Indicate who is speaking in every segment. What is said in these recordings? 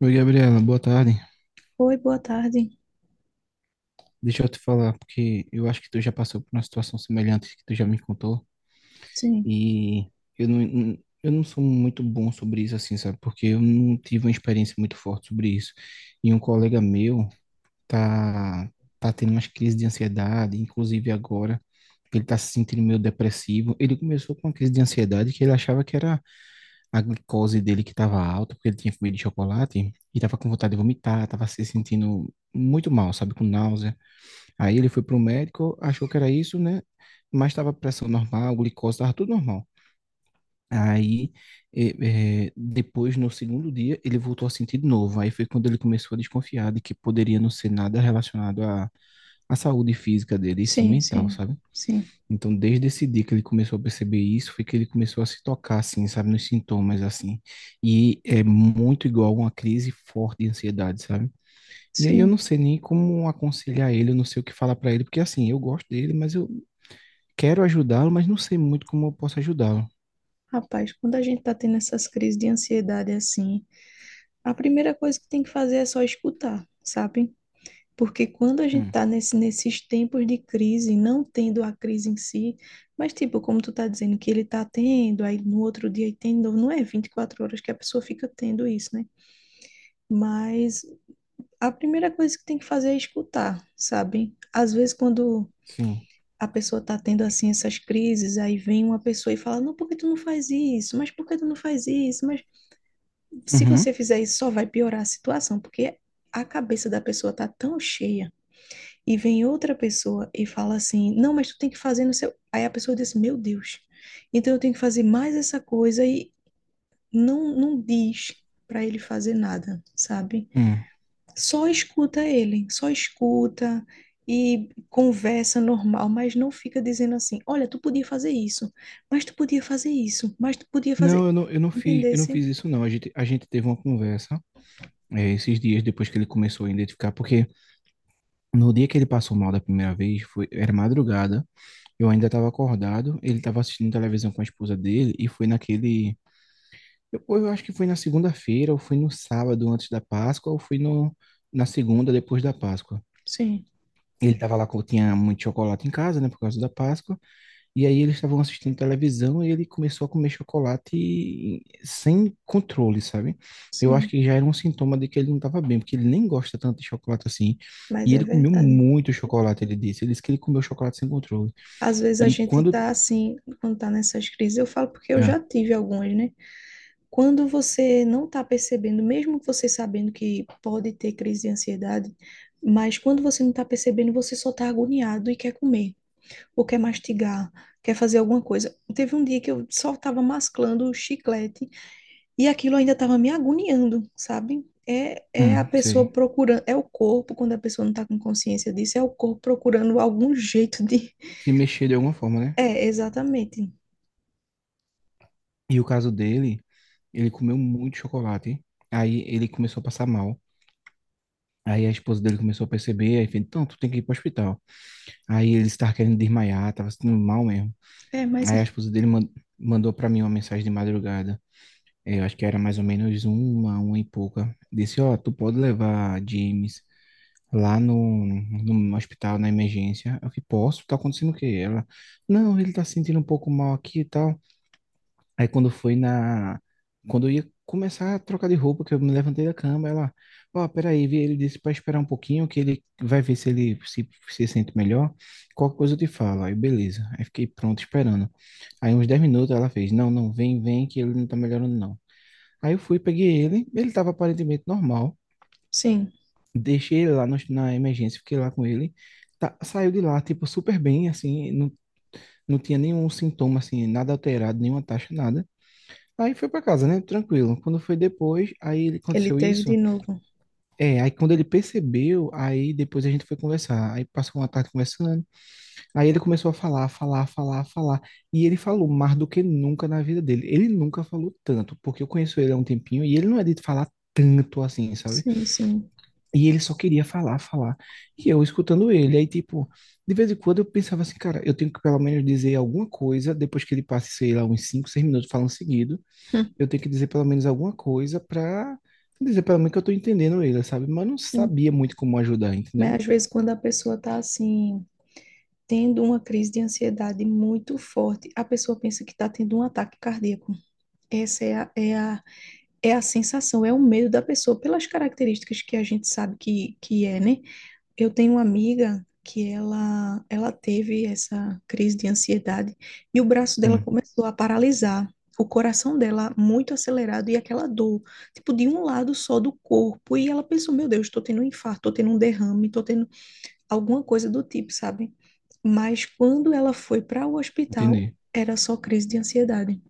Speaker 1: Oi, Gabriela, boa tarde.
Speaker 2: Oi, boa tarde.
Speaker 1: Deixa eu te falar, porque eu acho que tu já passou por uma situação semelhante que tu já me contou,
Speaker 2: Sim,
Speaker 1: e eu não, eu não sou muito bom sobre isso, assim, sabe? Porque eu não tive uma experiência muito forte sobre isso. E um colega meu tá, tá tendo umas crises de ansiedade, inclusive agora, ele tá se sentindo meio depressivo. Ele começou com uma crise de ansiedade que ele achava que era a glicose dele que estava alta, porque ele tinha comido chocolate, e tava com vontade de vomitar, tava se sentindo muito mal, sabe? Com náusea. Aí ele foi pro médico, achou que era isso, né? Mas estava pressão normal, glicose, estava tudo normal. Aí, eh, depois, no segundo dia, ele voltou a sentir de novo. Aí foi quando ele começou a desconfiar de que poderia não ser nada relacionado à saúde física dele, e sim
Speaker 2: sim,
Speaker 1: mental,
Speaker 2: sim,
Speaker 1: sabe?
Speaker 2: sim,
Speaker 1: Então, desde esse dia que ele começou a perceber isso, foi que ele começou a se tocar, assim, sabe? Nos sintomas, assim. E é muito igual a uma crise forte de ansiedade, sabe? E aí eu não
Speaker 2: sim.
Speaker 1: sei nem como aconselhar ele, eu não sei o que falar pra ele, porque assim, eu gosto dele, mas eu quero ajudá-lo, mas não sei muito como eu posso ajudá-lo.
Speaker 2: Rapaz, quando a gente tá tendo essas crises de ansiedade assim, a primeira coisa que tem que fazer é só escutar, sabe? Porque quando a gente
Speaker 1: Hum.
Speaker 2: tá nesses tempos de crise, não tendo a crise em si, mas tipo, como tu tá dizendo que ele tá tendo, aí no outro dia ele tem de novo, não é 24 horas que a pessoa fica tendo isso, né? Mas a primeira coisa que tem que fazer é escutar, sabe? Às vezes quando
Speaker 1: Sim.
Speaker 2: a pessoa tá tendo assim essas crises, aí vem uma pessoa e fala: "Não, por que tu não faz isso? Mas por que tu não faz isso? Mas se
Speaker 1: Uhum.
Speaker 2: você fizer isso, só vai piorar a situação, porque a cabeça da pessoa tá tão cheia". E vem outra pessoa e fala assim: "Não, mas tu tem que fazer no seu". Aí a pessoa diz: "Meu Deus. Então eu tenho que fazer mais essa coisa e não diz para ele fazer nada, sabe?
Speaker 1: Hum.
Speaker 2: Só escuta ele, só escuta e conversa normal, mas não fica dizendo assim: olha, tu podia fazer isso, mas tu podia fazer isso, mas tu podia
Speaker 1: Não,
Speaker 2: fazer.
Speaker 1: eu não, eu não fiz, eu não
Speaker 2: Entendesse?
Speaker 1: fiz isso não. A gente teve uma conversa é, esses dias depois que ele começou a identificar, porque no dia que ele passou mal da primeira vez, foi, era madrugada, eu ainda estava acordado, ele estava assistindo televisão com a esposa dele e foi naquele, eu acho que foi na segunda-feira, ou foi no sábado antes da Páscoa, ou foi no, na segunda depois da Páscoa.
Speaker 2: Sim,
Speaker 1: Ele tava lá, tinha muito chocolate em casa, né, por causa da Páscoa, e aí eles estavam assistindo televisão e ele começou a comer chocolate sem controle, sabe? Eu acho
Speaker 2: sim,
Speaker 1: que já era um sintoma de que ele não tava bem, porque ele nem gosta tanto de chocolate assim,
Speaker 2: mas
Speaker 1: e
Speaker 2: é
Speaker 1: ele comeu
Speaker 2: verdade.
Speaker 1: muito chocolate, ele disse. Ele disse que ele comeu chocolate sem controle.
Speaker 2: Às vezes a
Speaker 1: E
Speaker 2: gente
Speaker 1: quando...
Speaker 2: tá assim, quando tá nessas crises, eu falo porque eu já
Speaker 1: Ah.
Speaker 2: tive algumas, né? Quando você não tá percebendo, mesmo você sabendo que pode ter crise de ansiedade, mas quando você não tá percebendo, você só tá agoniado e quer comer. Ou quer mastigar, quer fazer alguma coisa. Teve um dia que eu só estava masclando o chiclete e aquilo ainda estava me agoniando, sabe? É, é a
Speaker 1: Hum,
Speaker 2: pessoa
Speaker 1: sei.
Speaker 2: procurando, é o corpo, quando a pessoa não está com consciência disso, é o corpo procurando algum jeito de.
Speaker 1: Se mexer de alguma forma, né?
Speaker 2: É, exatamente.
Speaker 1: E o caso dele, ele comeu muito chocolate, aí ele começou a passar mal. Aí a esposa dele começou a perceber, aí fez, então, tu tem que ir para o hospital. Aí ele estava querendo desmaiar, estava se sentindo mal mesmo.
Speaker 2: É, mas
Speaker 1: Aí a
Speaker 2: é-
Speaker 1: esposa dele man- mandou para mim uma mensagem de madrugada. É, eu acho que era mais ou menos uma e pouca. Disse, ó, tu pode levar James lá no, no hospital, na emergência. Eu falei, posso? Tá acontecendo o quê? Ela, não, ele tá se sentindo um pouco mal aqui e tal. Aí quando foi na. Quando eu ia começar a trocar de roupa, que eu me levantei da cama, ela. Ó, peraí, ele disse pra esperar um pouquinho, que ele vai ver se ele se, se sente melhor. Qualquer coisa eu te falo. Aí, beleza. Aí fiquei pronto esperando. Aí uns 10 minutos ela fez: Não, não, vem, vem, que ele não tá melhorando, não. Aí eu fui, peguei ele. Ele tava aparentemente normal.
Speaker 2: sim,
Speaker 1: Deixei ele lá no- na emergência, fiquei lá com ele. Saiu de lá, tipo, super bem, assim. Não, não tinha nenhum sintoma, assim, nada alterado, nenhuma taxa, nada. Aí foi pra casa, né? Tranquilo. Quando foi depois,
Speaker 2: ele
Speaker 1: aconteceu
Speaker 2: teve de
Speaker 1: isso.
Speaker 2: novo.
Speaker 1: É, aí quando ele percebeu, aí depois a gente foi conversar. Aí passou uma tarde conversando. Aí ele começou a falar, falar, falar, falar. E ele falou mais do que nunca na vida dele. Ele nunca falou tanto, porque eu conheço ele há um tempinho e ele não é de falar tanto assim, sabe?
Speaker 2: Sim, sim.
Speaker 1: E ele só queria falar, falar. E eu escutando ele. Aí, tipo, de vez em quando eu pensava assim, cara, eu tenho que pelo menos dizer alguma coisa depois que ele passe, sei lá, uns 5, 6 minutos falando seguido
Speaker 2: Hum.
Speaker 1: eu tenho que dizer pelo menos alguma coisa pra dizer pelo menos que eu tô entendendo ele, sabe? Mas eu não
Speaker 2: Sim.
Speaker 1: sabia muito como ajudar, entendeu?
Speaker 2: Mas às vezes quando a pessoa tá assim, tendo uma crise de ansiedade muito forte, a pessoa pensa que tá tendo um ataque cardíaco. Essa é a sensação, é o medo da pessoa, pelas características que a gente sabe que é, né? Eu tenho uma amiga que ela teve essa crise de ansiedade e o braço dela
Speaker 1: Hum,
Speaker 2: começou a paralisar, o coração dela muito acelerado e aquela dor, tipo, de um lado só do corpo. E ela pensou: meu Deus, tô tendo um infarto, tô tendo um derrame, tô tendo alguma coisa do tipo, sabe? Mas quando ela foi para o hospital,
Speaker 1: entendi.
Speaker 2: era só crise de ansiedade.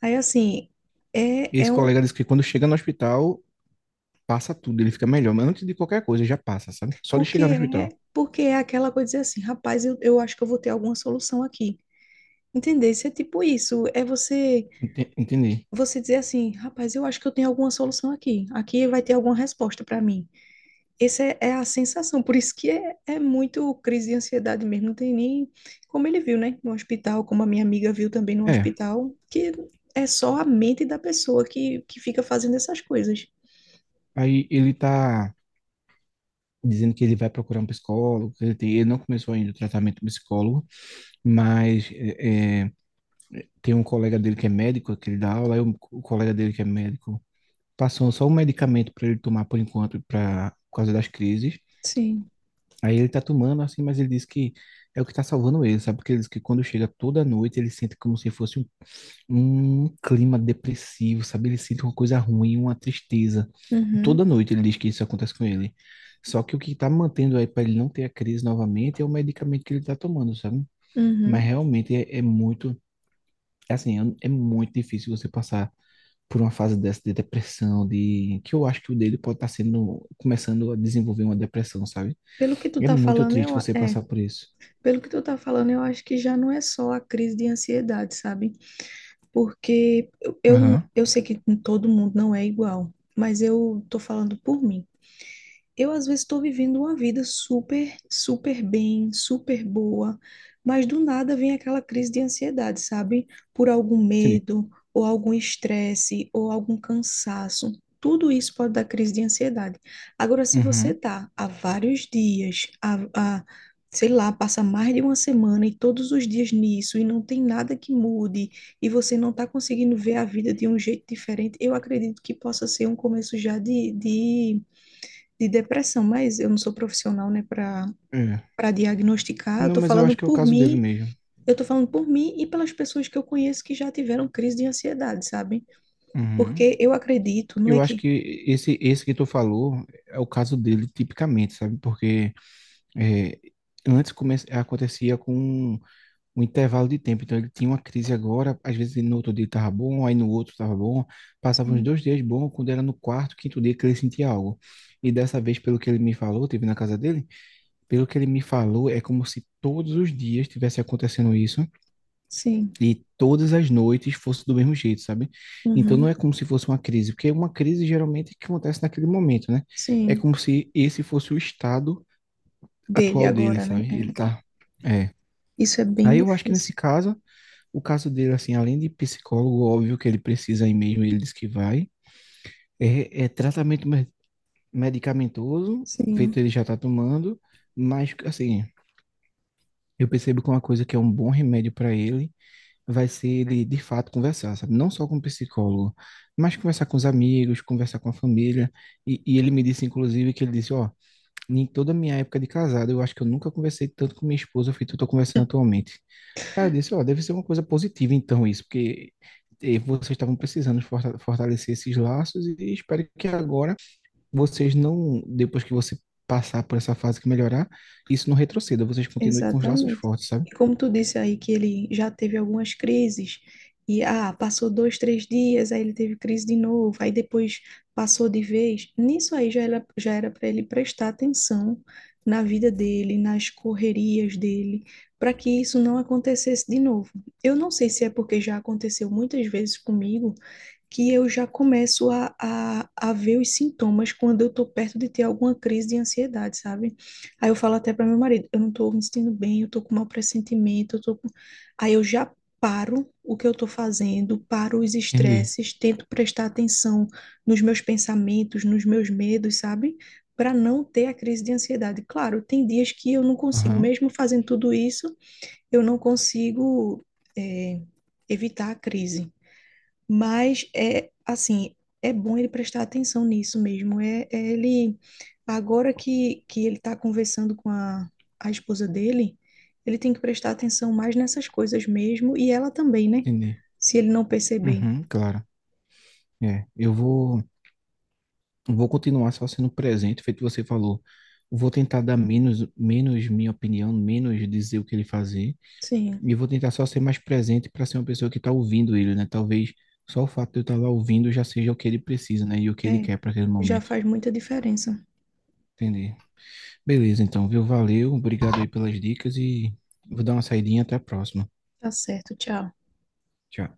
Speaker 2: Aí, assim, é,
Speaker 1: Esse
Speaker 2: é um
Speaker 1: colega disse que quando chega no hospital, passa tudo, ele fica melhor. Mas antes de qualquer coisa, já passa, sabe? Só de
Speaker 2: porque
Speaker 1: chegar no
Speaker 2: é,
Speaker 1: hospital.
Speaker 2: porque é aquela coisa de dizer assim, rapaz, eu acho que eu vou ter alguma solução aqui. Entender? Isso é tipo isso, é você
Speaker 1: Entendi.
Speaker 2: você dizer assim, rapaz, eu acho que eu tenho alguma solução aqui. Aqui vai ter alguma resposta para mim. Essa é a sensação, por isso que é muito crise de ansiedade mesmo, não tem nem como ele viu, né, no hospital, como a minha amiga viu também no
Speaker 1: É,
Speaker 2: hospital, que é só a mente da pessoa que fica fazendo essas coisas.
Speaker 1: aí ele tá dizendo que ele vai procurar um psicólogo, ele não começou ainda o tratamento do psicólogo, mas tem um colega dele que é médico, que ele dá aula, aí o colega dele que é médico passou só um medicamento para ele tomar por enquanto, pra, por causa das crises.
Speaker 2: Sim.
Speaker 1: Aí ele tá tomando assim, mas ele diz que é o que tá salvando ele, sabe? Porque ele diz que quando chega toda noite ele sente como se fosse um, um clima depressivo, sabe? Ele sente uma coisa ruim, uma tristeza.
Speaker 2: Uhum,
Speaker 1: Toda noite ele diz que isso acontece com ele. Só que o que tá mantendo aí para ele não ter a crise novamente é o medicamento que ele tá tomando, sabe? Mas
Speaker 2: uhum.
Speaker 1: realmente é, é muito, é assim, é é muito difícil você passar por uma fase dessa de depressão, de que eu acho que o dele pode estar sendo começando a desenvolver uma depressão, sabe?
Speaker 2: Pelo que tu
Speaker 1: É
Speaker 2: tá
Speaker 1: muito
Speaker 2: falando,
Speaker 1: triste
Speaker 2: eu,
Speaker 1: você
Speaker 2: é,
Speaker 1: passar por isso.
Speaker 2: Pelo que tu tá falando, eu acho que já não é só a crise de ansiedade, sabe? Porque eu, eu,
Speaker 1: Aham.
Speaker 2: eu sei que com todo mundo não é igual, mas eu tô falando por mim. Eu, às vezes, estou vivendo uma vida super, super bem, super boa, mas do nada vem aquela crise de ansiedade, sabe? Por algum
Speaker 1: Entendi.
Speaker 2: medo, ou algum estresse, ou algum cansaço. Tudo isso pode dar crise de ansiedade. Agora, se você
Speaker 1: Uhum.
Speaker 2: tá há vários dias, há, sei lá, passa mais de uma semana e todos os dias nisso, e não tem nada que mude, e você não tá conseguindo ver a vida de um jeito diferente, eu acredito que possa ser um começo já de depressão, mas eu não sou profissional, né, para
Speaker 1: É.
Speaker 2: para diagnosticar.
Speaker 1: Não, mas eu acho que é o caso dele mesmo.
Speaker 2: Eu tô falando por mim e pelas pessoas que eu conheço que já tiveram crise de ansiedade, sabe?
Speaker 1: Uhum.
Speaker 2: Porque eu acredito, não é
Speaker 1: Eu acho
Speaker 2: que
Speaker 1: que esse que tu falou é o caso dele tipicamente, sabe? Porque é, acontecia com um intervalo de tempo. Então ele tinha uma crise agora, às vezes no outro dia estava bom, aí no outro estava bom, passava uns
Speaker 2: Sim,
Speaker 1: dois dias bom, quando era no quarto, quinto dia que ele sentia algo. E dessa vez, pelo que ele me falou, teve na casa dele, pelo que ele me falou, é como se todos os dias estivesse acontecendo isso
Speaker 2: sim,
Speaker 1: e todas as noites fosse do mesmo jeito, sabe? Então não
Speaker 2: uhum,
Speaker 1: é como se fosse uma crise, porque uma crise geralmente é que acontece naquele momento, né? É
Speaker 2: sim,
Speaker 1: como se esse fosse o estado
Speaker 2: dele
Speaker 1: atual dele,
Speaker 2: agora, né?
Speaker 1: sabe? Ele
Speaker 2: É,
Speaker 1: tá, é.
Speaker 2: isso é bem
Speaker 1: Aí eu acho que nesse
Speaker 2: difícil.
Speaker 1: caso o caso dele, assim, além de psicólogo, óbvio que ele precisa aí mesmo, ele diz que vai. É, é tratamento me- medicamentoso, feito
Speaker 2: Sim.
Speaker 1: ele já está tomando, mas, assim, eu percebo que uma coisa que é um bom remédio para ele vai ser ele, de fato, conversar, sabe? Não só com o psicólogo, mas conversar com os amigos, conversar com a família. E ele me disse, inclusive, que ele disse, ó, em toda a minha época de casado, eu acho que eu nunca conversei tanto com minha esposa feito que eu tô conversando atualmente. Aí eu disse, ó, deve ser uma coisa positiva então isso, porque vocês estavam precisando fortalecer esses laços e espero que agora vocês não, depois que você passar por essa fase que melhorar, isso não retroceda, vocês continuem com os laços
Speaker 2: Exatamente.
Speaker 1: fortes, sabe?
Speaker 2: E como tu disse aí que ele já teve algumas crises, e ah, passou dois, três dias, aí ele teve crise de novo, aí depois passou de vez. Nisso aí já era para ele prestar atenção na vida dele, nas correrias dele, para que isso não acontecesse de novo. Eu não sei se é porque já aconteceu muitas vezes comigo que eu já começo a ver os sintomas quando eu tô perto de ter alguma crise de ansiedade, sabe? Aí eu falo até para meu marido, eu não tô me sentindo bem, eu tô com mau pressentimento, eu tô com... Aí eu já paro o que eu tô fazendo, paro os
Speaker 1: Entendi.
Speaker 2: estresses, tento prestar atenção nos meus pensamentos, nos meus medos, sabe? Para não ter a crise de ansiedade. Claro, tem dias que eu não consigo,
Speaker 1: Aham,
Speaker 2: mesmo fazendo tudo isso, eu não consigo, eh, evitar a crise. Mas é assim, é bom ele prestar atenção nisso mesmo. É, é ele agora que ele está conversando com a esposa dele, ele tem que prestar atenção mais nessas coisas mesmo, e ela também, né?
Speaker 1: entendi.
Speaker 2: Se ele não perceber.
Speaker 1: Uhum, claro. Eu vou. Vou continuar só sendo presente, feito que você falou. Vou tentar dar menos minha opinião, menos dizer o que ele fazer,
Speaker 2: Sim,
Speaker 1: e vou tentar só ser mais presente para ser uma pessoa que está ouvindo ele, né? Talvez só o fato de eu estar lá ouvindo já seja o que ele precisa, né? E o que ele
Speaker 2: é.
Speaker 1: quer para aquele
Speaker 2: Já
Speaker 1: momento.
Speaker 2: faz muita diferença.
Speaker 1: Entendi. Beleza, então, viu? Valeu, obrigado aí pelas dicas e vou dar uma saidinha, até a próxima.
Speaker 2: Tá certo, tchau.
Speaker 1: Tchau.